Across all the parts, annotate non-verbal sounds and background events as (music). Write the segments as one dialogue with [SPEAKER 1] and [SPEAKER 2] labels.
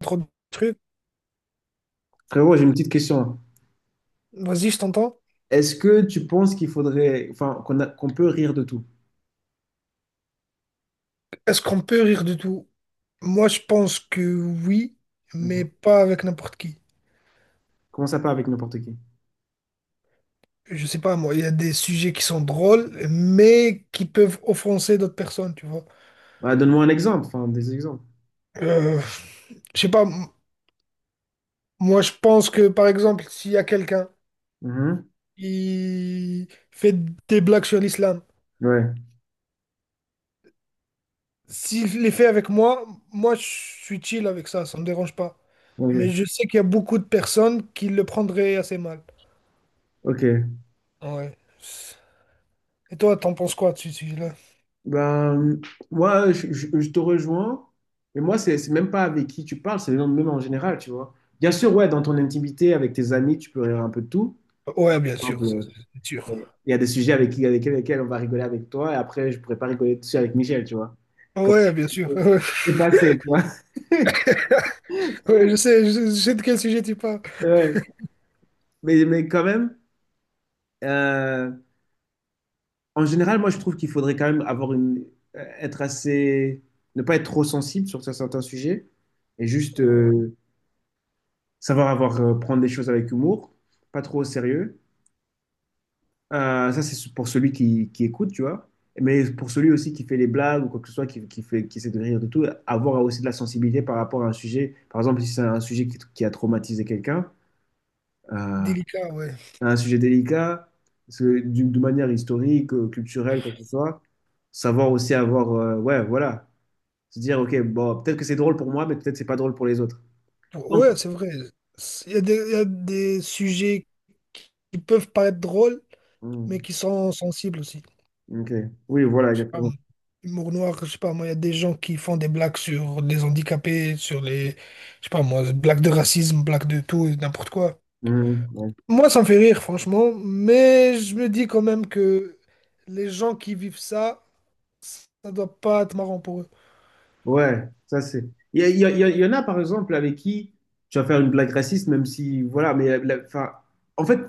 [SPEAKER 1] Trop de trucs.
[SPEAKER 2] Frérot, j'ai une petite question.
[SPEAKER 1] Vas-y, je t'entends.
[SPEAKER 2] Est-ce que tu penses qu'il faudrait, enfin, qu'on peut rire de tout?
[SPEAKER 1] Est-ce qu'on peut rire de tout? Moi, je pense que oui,
[SPEAKER 2] Mhm.
[SPEAKER 1] mais pas avec n'importe qui.
[SPEAKER 2] Comment ça pas avec n'importe qui?
[SPEAKER 1] Je sais pas, moi, il y a des sujets qui sont drôles, mais qui peuvent offenser d'autres personnes, tu vois.
[SPEAKER 2] Bah, donne-moi un exemple, enfin, des exemples.
[SPEAKER 1] Euh, je sais pas, moi, je pense que, par exemple, s'il y a quelqu'un
[SPEAKER 2] Mhm.
[SPEAKER 1] qui fait des blagues sur l'islam,
[SPEAKER 2] Ouais,
[SPEAKER 1] s'il les fait avec moi, moi, je suis chill avec ça, ça me dérange pas. Mais
[SPEAKER 2] ok.
[SPEAKER 1] je sais qu'il y a beaucoup de personnes qui le prendraient assez mal.
[SPEAKER 2] Ok.
[SPEAKER 1] Ouais. Et toi, t'en penses quoi de ce sujet-là?
[SPEAKER 2] Ben, moi, je te rejoins, mais moi, c'est même pas avec qui tu parles, c'est même en général, tu vois. Bien sûr, ouais, dans ton intimité, avec tes amis, tu peux rire un peu de tout.
[SPEAKER 1] Ouais, bien
[SPEAKER 2] Par
[SPEAKER 1] sûr,
[SPEAKER 2] exemple,
[SPEAKER 1] ça, c'est sûr.
[SPEAKER 2] il y a des sujets avec lesquels on va rigoler avec toi, et après, je pourrais pas rigoler dessus avec Michel, tu vois. Comme
[SPEAKER 1] Ouais, bien sûr. (laughs)
[SPEAKER 2] c'est passé, tu vois.
[SPEAKER 1] Ouais, je sais, je sais de quel sujet tu parles.
[SPEAKER 2] (laughs) Mais quand même, euh, en général, moi, je trouve qu'il faudrait quand même avoir être assez, ne pas être trop sensible sur certains sujets et juste,
[SPEAKER 1] Ouais.
[SPEAKER 2] savoir, prendre des choses avec humour, pas trop au sérieux. Ça, c'est pour celui qui écoute, tu vois. Mais pour celui aussi qui fait les blagues ou quoi que ce soit, qui essaie de rire de tout, avoir aussi de la sensibilité par rapport à un sujet. Par exemple, si c'est un sujet qui a traumatisé quelqu'un, euh,
[SPEAKER 1] Délicat, ouais.
[SPEAKER 2] un sujet délicat, parce que d'une de manière historique, culturelle, quoi que ce soit. Savoir aussi, ouais, voilà, se dire, ok, bon, peut-être que c'est drôle pour moi, mais peut-être que c'est pas drôle pour les autres. Non.
[SPEAKER 1] Ouais, c'est vrai. Il y a des sujets qui peuvent paraître drôles, mais
[SPEAKER 2] Mm,
[SPEAKER 1] qui sont sensibles aussi. Je
[SPEAKER 2] ok. Oui, voilà,
[SPEAKER 1] sais pas.
[SPEAKER 2] exactement.
[SPEAKER 1] Humour noir, je sais pas, moi, il y a des gens qui font des blagues sur les handicapés, sur les, je sais pas, moi, blagues de racisme, blagues de tout et n'importe quoi.
[SPEAKER 2] Mm, ouais.
[SPEAKER 1] Moi, ça me fait rire, franchement, mais je me dis quand même que les gens qui vivent ça, ça doit pas être marrant pour eux.
[SPEAKER 2] Ouais, ça c'est. Il y en a, par exemple, avec qui tu vas faire une blague raciste, même si, voilà, mais enfin, en fait,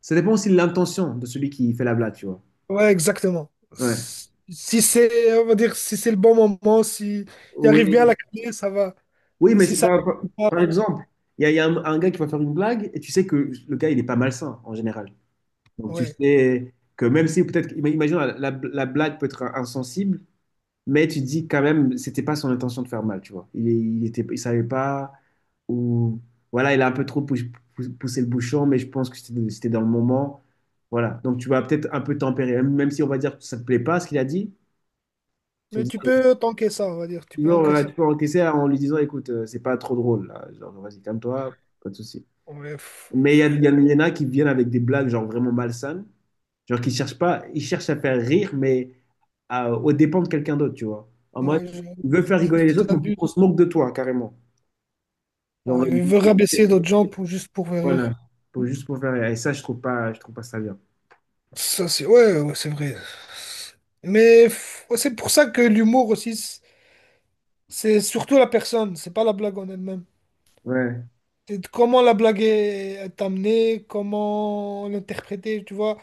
[SPEAKER 2] ça dépend aussi de l'intention de celui qui fait la blague, tu vois.
[SPEAKER 1] Ouais, exactement.
[SPEAKER 2] Ouais.
[SPEAKER 1] Si c'est, on va dire, si c'est le bon moment, si il arrive
[SPEAKER 2] Oui,
[SPEAKER 1] bien à la clé, ça va.
[SPEAKER 2] oui,
[SPEAKER 1] Mais
[SPEAKER 2] mais
[SPEAKER 1] si
[SPEAKER 2] c'est
[SPEAKER 1] ça
[SPEAKER 2] pas,
[SPEAKER 1] arrive pas,
[SPEAKER 2] par
[SPEAKER 1] genre,
[SPEAKER 2] exemple, il y a un gars qui va faire une blague et tu sais que le gars, il est pas malsain en général. Donc tu
[SPEAKER 1] ouais.
[SPEAKER 2] sais que même si peut-être, imagine, la blague peut être insensible, mais tu te dis quand même, c'était pas son intention de faire mal, tu vois. Il savait pas, ou voilà, il a un peu trop poussé le bouchon, mais je pense que c'était dans le moment. Voilà. Donc tu vas peut-être un peu tempérer, même si on va dire que ça te plaît pas ce qu'il a dit, tu
[SPEAKER 1] Mais
[SPEAKER 2] vas dire,
[SPEAKER 1] tu peux tanker ça, on va dire. Tu peux
[SPEAKER 2] non, ouais,
[SPEAKER 1] encaisser.
[SPEAKER 2] tu peux encaisser en lui disant, écoute, c'est pas trop drôle, là. Genre, vas-y, calme-toi, pas de souci.
[SPEAKER 1] Ouais,
[SPEAKER 2] Mais il y en a qui viennent avec des blagues, genre, vraiment malsaines. Genre, qui cherchent pas, ils cherchent à faire rire, mais au dépens de quelqu'un d'autre, tu vois. En mode,
[SPEAKER 1] ouais,
[SPEAKER 2] ils veulent faire rigoler les
[SPEAKER 1] ils
[SPEAKER 2] autres, mais on
[SPEAKER 1] abusent.
[SPEAKER 2] se moque de toi, carrément. Genre,
[SPEAKER 1] Ouais, ils veulent rabaisser d'autres gens pour juste pour faire
[SPEAKER 2] voilà.
[SPEAKER 1] rire.
[SPEAKER 2] Juste pour faire rire. Et ça, je trouve pas ça bien.
[SPEAKER 1] Ça, c'est ouais, ouais, c'est vrai. Mais ouais, c'est pour ça que l'humour aussi, c'est surtout la personne, c'est pas la blague en elle-même.
[SPEAKER 2] Ouais,
[SPEAKER 1] Et de comment la blague est amenée, comment l'interpréter, tu vois.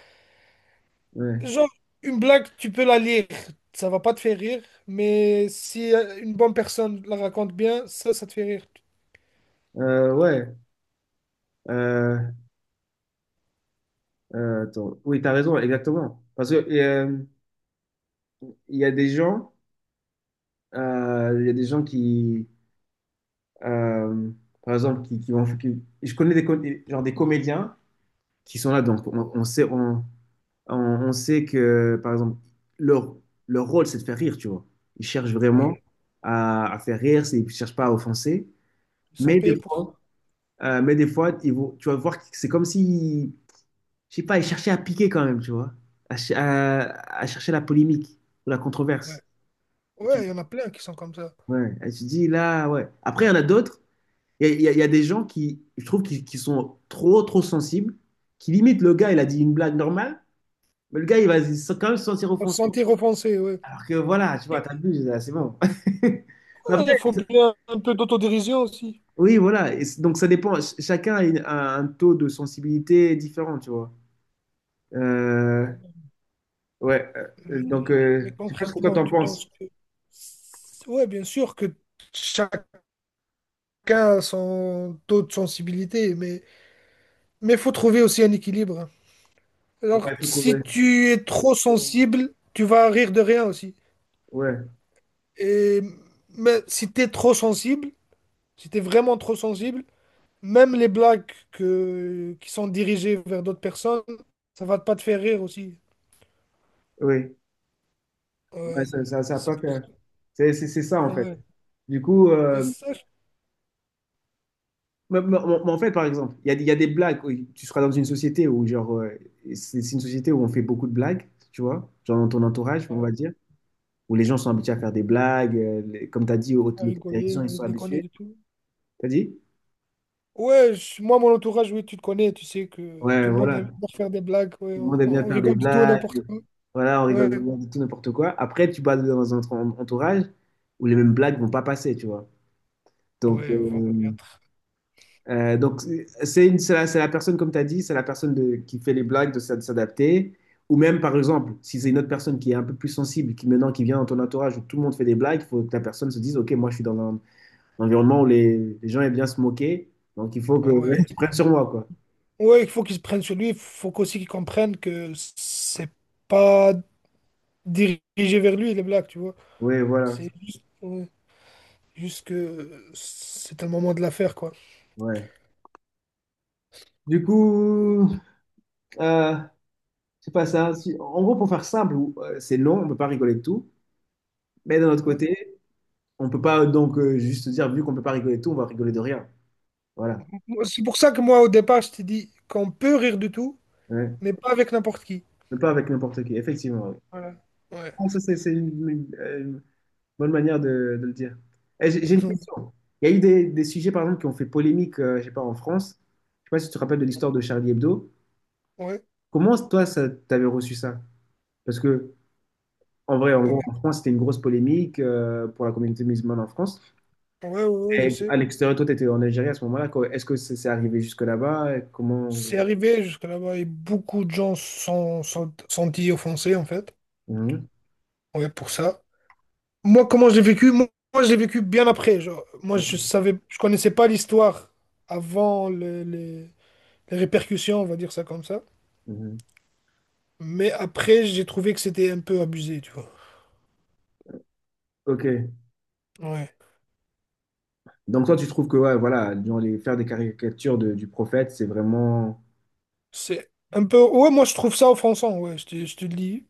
[SPEAKER 2] ouais.
[SPEAKER 1] Genre, une blague, tu peux la lire, ça va pas te faire rire, mais si une bonne personne la raconte bien, ça te fait rire.
[SPEAKER 2] Ouais. Euh, Attends. Oui, t'as raison, exactement. Parce que, il y a des gens, il y a des gens qui, euh, par exemple, je connais genre des comédiens qui sont là, donc on- on sait que, par exemple, leur, leur rôle, c'est de faire rire, tu vois. Ils cherchent vraiment
[SPEAKER 1] Ouais,
[SPEAKER 2] à faire rire, ils ne cherchent pas à offenser.
[SPEAKER 1] ils sont
[SPEAKER 2] Mais des
[SPEAKER 1] payés pour
[SPEAKER 2] fois,
[SPEAKER 1] ça.
[SPEAKER 2] mais des fois ils vont, tu vas voir que c'est comme si, je sais pas, ils cherchaient à piquer quand même, tu vois, à, ch- à- à chercher la polémique ou la
[SPEAKER 1] Ouais,
[SPEAKER 2] controverse. Et tu,
[SPEAKER 1] ouais, il y en a plein qui sont comme ça.
[SPEAKER 2] ouais, et tu dis là, ouais. Après, il y en a d'autres. Il y a des gens qui, je trouve, qui sont trop, trop sensibles, qui limite le gars, il a dit une blague normale, mais le gars, il va quand même se sentir
[SPEAKER 1] Pour se
[SPEAKER 2] offensé.
[SPEAKER 1] sentir offensé, ouais.
[SPEAKER 2] Alors que voilà, tu vois,
[SPEAKER 1] Et,
[SPEAKER 2] t'as vu, là, c'est bon. (laughs) Mais
[SPEAKER 1] ouais,
[SPEAKER 2] après,
[SPEAKER 1] il faut bien un peu d'autodérision aussi.
[SPEAKER 2] oui, voilà. Et donc ça dépend. Chacun a un taux de sensibilité différent, tu vois. Euh, ouais.
[SPEAKER 1] Mais,
[SPEAKER 2] Donc,
[SPEAKER 1] mais
[SPEAKER 2] je sais pas ce que toi
[SPEAKER 1] concrètement,
[SPEAKER 2] t'en
[SPEAKER 1] tu penses
[SPEAKER 2] penses.
[SPEAKER 1] que... Ouais, bien sûr que chacun a son taux de sensibilité, mais... Mais il faut trouver aussi un équilibre.
[SPEAKER 2] Ouais,
[SPEAKER 1] Alors,
[SPEAKER 2] faut
[SPEAKER 1] si
[SPEAKER 2] trouver.
[SPEAKER 1] tu es trop sensible, tu vas rire de rien aussi.
[SPEAKER 2] Ouais,
[SPEAKER 1] Et mais si tu es trop sensible, si tu es vraiment trop sensible, même les blagues qui sont dirigées vers d'autres personnes, ça va pas te faire rire aussi.
[SPEAKER 2] oui. Ouais,
[SPEAKER 1] Ouais,
[SPEAKER 2] ça a
[SPEAKER 1] c'est
[SPEAKER 2] pas
[SPEAKER 1] pour
[SPEAKER 2] que-
[SPEAKER 1] ça.
[SPEAKER 2] C'est ça, en fait.
[SPEAKER 1] Ouais.
[SPEAKER 2] Du coup.
[SPEAKER 1] Et ça, je
[SPEAKER 2] Mais en fait, par exemple, il y a des blagues où tu seras dans une société où, genre, c'est une société où on fait beaucoup de blagues, tu vois, genre dans ton entourage, on
[SPEAKER 1] ouais,
[SPEAKER 2] va dire, où les gens sont habitués à faire des blagues. Comme tu as dit, au
[SPEAKER 1] à rigoler,
[SPEAKER 2] télévision, ils
[SPEAKER 1] ouais,
[SPEAKER 2] sont
[SPEAKER 1] déconner
[SPEAKER 2] habitués.
[SPEAKER 1] du tout.
[SPEAKER 2] T'as dit?
[SPEAKER 1] Ouais, moi, mon entourage, oui, tu te connais, tu sais que
[SPEAKER 2] Ouais,
[SPEAKER 1] tout le monde
[SPEAKER 2] voilà.
[SPEAKER 1] aime bien faire des blagues. Ouais,
[SPEAKER 2] Tout le monde aime bien
[SPEAKER 1] on
[SPEAKER 2] faire des
[SPEAKER 1] rigole du tout et n'importe
[SPEAKER 2] blagues.
[SPEAKER 1] quoi.
[SPEAKER 2] Voilà, on
[SPEAKER 1] Ouais,
[SPEAKER 2] rigole de tout n'importe quoi. Après, tu vas dans un entourage où les mêmes blagues vont pas passer, tu vois. Donc,
[SPEAKER 1] ouais, vont
[SPEAKER 2] euh,
[SPEAKER 1] connaître.
[SPEAKER 2] Euh, donc, c'est la personne, comme tu as dit, c'est la personne qui fait les blagues de s'adapter. Ou même, par exemple, si c'est une autre personne qui est un peu plus sensible, qui maintenant qui vient dans ton entourage où tout le monde fait des blagues, il faut que la personne se dise, OK, moi je suis dans un environnement où les gens aiment bien se moquer, donc il faut que (laughs)
[SPEAKER 1] Ouais.
[SPEAKER 2] tu prennes sur moi, quoi.
[SPEAKER 1] Ouais, il faut qu'ils prennent sur lui, il faut qu'aussi qu'ils comprennent que c'est pas dirigé vers lui les blagues, tu vois.
[SPEAKER 2] Oui, voilà.
[SPEAKER 1] C'est juste, ouais, juste que c'est un moment de l'affaire, quoi.
[SPEAKER 2] Ouais. Du coup, euh, c'est pas ça. En gros, pour faire simple, c'est long, on ne peut pas rigoler de tout. Mais d'un autre
[SPEAKER 1] Ouais.
[SPEAKER 2] côté, on ne peut pas donc, juste dire, vu qu'on ne peut pas rigoler de tout, on va rigoler de rien. Voilà.
[SPEAKER 1] Moi, c'est pour ça que moi, au départ, je t'ai dit qu'on peut rire de tout,
[SPEAKER 2] Ouais.
[SPEAKER 1] mais pas avec n'importe qui.
[SPEAKER 2] Mais pas avec n'importe qui, effectivement. Oui.
[SPEAKER 1] Ouais.
[SPEAKER 2] Bon, ça, c'est une bonne manière de le dire. Eh, J'ai une
[SPEAKER 1] (laughs)
[SPEAKER 2] question. Il y a eu des sujets, par exemple, qui ont fait polémique, je sais pas, en France. Je sais pas si tu te rappelles de l'histoire de Charlie Hebdo.
[SPEAKER 1] Ouais,
[SPEAKER 2] Comment, toi, ça, t'avais reçu ça? Parce que, en vrai, en gros,
[SPEAKER 1] ouais,
[SPEAKER 2] en France, c'était une grosse polémique, pour la communauté musulmane en France.
[SPEAKER 1] ouais, ouais, ouais, je
[SPEAKER 2] Et
[SPEAKER 1] sais.
[SPEAKER 2] à l'extérieur, toi, tu étais en Algérie à ce moment-là, quoi. Est-ce que c'est arrivé jusque là-bas? Et comment…
[SPEAKER 1] C'est arrivé jusque là-bas et beaucoup de gens sont, sont dit offensés, en fait.
[SPEAKER 2] Mhm.
[SPEAKER 1] Ouais, pour ça. Moi, comment je l'ai vécu? Moi, moi, je l'ai vécu bien après. Genre, moi, je savais, je connaissais pas l'histoire avant les répercussions, on va dire ça comme ça.
[SPEAKER 2] Mhm.
[SPEAKER 1] Mais après, j'ai trouvé que c'était un peu abusé, tu vois.
[SPEAKER 2] Ok.
[SPEAKER 1] Ouais.
[SPEAKER 2] Donc toi, tu trouves que ouais, voilà, genre, faire des caricatures du prophète, c'est vraiment
[SPEAKER 1] C'est un peu. Ouais, moi, je trouve ça offensant. Ouais, je te le dis.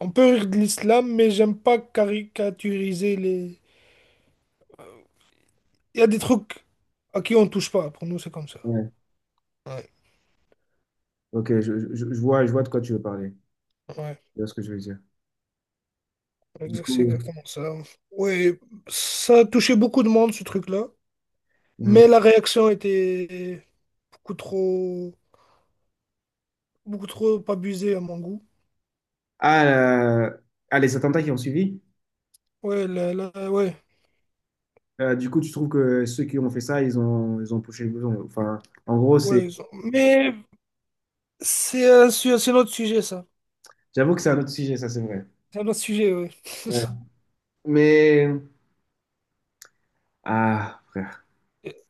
[SPEAKER 1] On peut rire de l'islam, mais j'aime pas caricaturiser les. Il y a des trucs à qui on touche pas. Pour nous, c'est comme ça.
[SPEAKER 2] Ouais.
[SPEAKER 1] Ouais,
[SPEAKER 2] Ok, je vois de quoi tu veux parler.
[SPEAKER 1] ouais.
[SPEAKER 2] Je vois ce que je veux dire. Du
[SPEAKER 1] C'est
[SPEAKER 2] coup,
[SPEAKER 1] exactement ça. Ouais, ça a touché beaucoup de monde, ce truc-là.
[SPEAKER 2] mhm.
[SPEAKER 1] Mais la réaction était beaucoup trop, beaucoup trop abusée à mon goût.
[SPEAKER 2] Ah, ah, les attentats qui ont suivi,
[SPEAKER 1] Ouais, ouais,
[SPEAKER 2] du coup, tu trouves que ceux qui ont fait ça, ils ont poussé le bouton. Enfin, en gros,
[SPEAKER 1] ouais. Mais c'est un, c'est un autre sujet, ça.
[SPEAKER 2] j'avoue que c'est un autre sujet, ça, c'est vrai.
[SPEAKER 1] C'est un autre sujet, ouais. (laughs)
[SPEAKER 2] Ouais. Mais, ah, frère.
[SPEAKER 1] Et-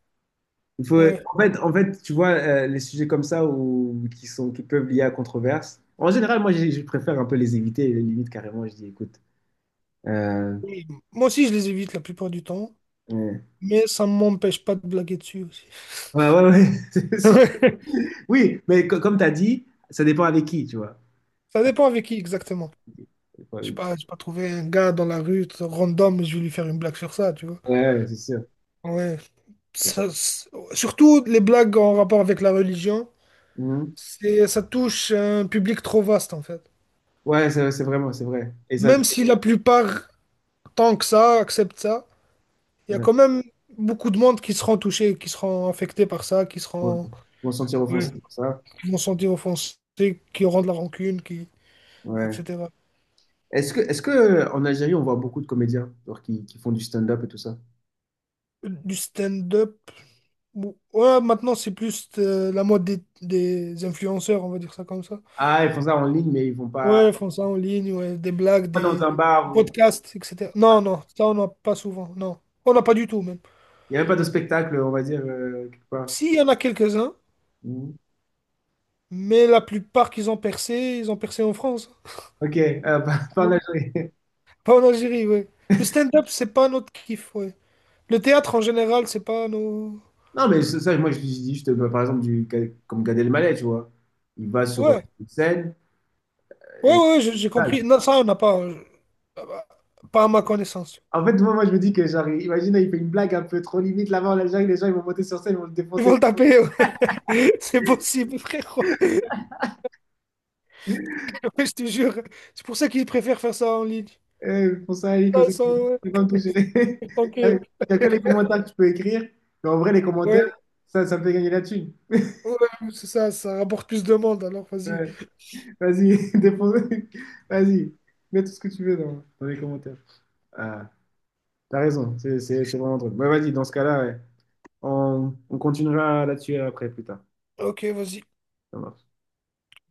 [SPEAKER 2] Il faut,
[SPEAKER 1] Ouais.
[SPEAKER 2] en fait, tu vois, les sujets comme ça ou qui sont, qui peuvent lier à controverse, en général, moi, je préfère un peu les éviter, les limites carrément. Je dis, écoute, euh,
[SPEAKER 1] Oui. Moi aussi, je les évite la plupart du temps,
[SPEAKER 2] ouais,
[SPEAKER 1] mais ça ne m'empêche pas de blaguer dessus aussi.
[SPEAKER 2] ouais, ouais, ouais.
[SPEAKER 1] (laughs)
[SPEAKER 2] (laughs) Oui, mais comme tu as dit, ça dépend avec qui, tu vois.
[SPEAKER 1] Ça dépend avec qui exactement.
[SPEAKER 2] Ça dépend
[SPEAKER 1] Je sais
[SPEAKER 2] avec-
[SPEAKER 1] pas, j'ai pas trouvé un gars dans la rue tout random, je vais lui faire une blague sur ça, tu vois.
[SPEAKER 2] Ouais, ouais, c'est sûr.
[SPEAKER 1] Ouais. Ça, c'est- surtout les blagues en rapport avec la religion.
[SPEAKER 2] Mhm.
[SPEAKER 1] C'est, ça touche un public trop vaste en fait.
[SPEAKER 2] Ouais, c'est vraiment, c'est vrai. Et ça,
[SPEAKER 1] Même si la plupart, tant que ça, acceptent ça, il y a
[SPEAKER 2] ouais,
[SPEAKER 1] quand même beaucoup de monde qui seront touchés, qui seront affectés par ça, qui
[SPEAKER 2] ouais.
[SPEAKER 1] seront,
[SPEAKER 2] Ils vont se sentir
[SPEAKER 1] oui,
[SPEAKER 2] offensés pour ça.
[SPEAKER 1] qui vont se sentir offensés, qui auront de la rancune, qui,
[SPEAKER 2] Ouais.
[SPEAKER 1] etc.
[SPEAKER 2] Est-ce que en Algérie, on voit beaucoup de comédiens genre, qui font du stand-up et tout ça?
[SPEAKER 1] Du stand-up, ouais, maintenant c'est plus la mode des influenceurs, on va dire ça comme ça.
[SPEAKER 2] Ah, ils font ça en ligne, mais ils vont pas,
[SPEAKER 1] Ouais, ils font ça en ligne, ouais, des blagues,
[SPEAKER 2] pas dans
[SPEAKER 1] des
[SPEAKER 2] un bar ou
[SPEAKER 1] podcasts, etc. Non, non, ça on n'a pas souvent, non. On n'a pas du tout même.
[SPEAKER 2] il n'y a même pas de spectacle, on va dire, quelque part.
[SPEAKER 1] S'il y en a quelques-uns,
[SPEAKER 2] Mhm.
[SPEAKER 1] mais la plupart qu'ils ont percé, ils ont percé en France.
[SPEAKER 2] Ok, (laughs) pas en
[SPEAKER 1] Ouais.
[SPEAKER 2] Algérie.
[SPEAKER 1] Pas en Algérie, ouais. Le stand-up, c'est pas notre kiff, ouais. Le théâtre, en général, c'est pas nos...
[SPEAKER 2] Non, mais c'est ça, moi, je dis juste, bah, par exemple, comme Gad Elmaleh, tu vois. Il va sur
[SPEAKER 1] Ouais,
[SPEAKER 2] une scène
[SPEAKER 1] ouais,
[SPEAKER 2] et…
[SPEAKER 1] ouais, j'ai compris. Non, ça, on n'a pas... bah, Pas à ma connaissance.
[SPEAKER 2] En fait, moi, moi, je me dis que, genre, imagine, il fait une blague un peu trop limite là-bas en Algérie, les gens, ils vont monter sur scène, ils vont le
[SPEAKER 1] Ils vont
[SPEAKER 2] défoncer.
[SPEAKER 1] le taper, ouais. (laughs) C'est possible, frérot. Ouais, je te jure. C'est pour ça qu'ils préfèrent faire ça en ligne.
[SPEAKER 2] Eh, ils font ça, ils,
[SPEAKER 1] Ça,
[SPEAKER 2] comme ça,
[SPEAKER 1] ils sont...
[SPEAKER 2] ils vont pas me
[SPEAKER 1] ouais.
[SPEAKER 2] toucher. (laughs)
[SPEAKER 1] (laughs) Tant que...
[SPEAKER 2] Il n'y a que les commentaires que tu peux écrire, mais en vrai, les
[SPEAKER 1] Ouais,
[SPEAKER 2] commentaires, ça me fait gagner la thune.
[SPEAKER 1] ouais, c'est ça, ça rapporte plus de monde, alors vas-y.
[SPEAKER 2] Ouais. Vas-y, (laughs) défonce. Vas-y, mets tout ce que tu veux dans les commentaires. Ah, t'as raison, c'est vraiment drôle. Ouais, vas-y, dans ce cas-là, ouais. On continuera là-dessus après, plus tard.
[SPEAKER 1] Ok, vas-y.
[SPEAKER 2] Ça marche.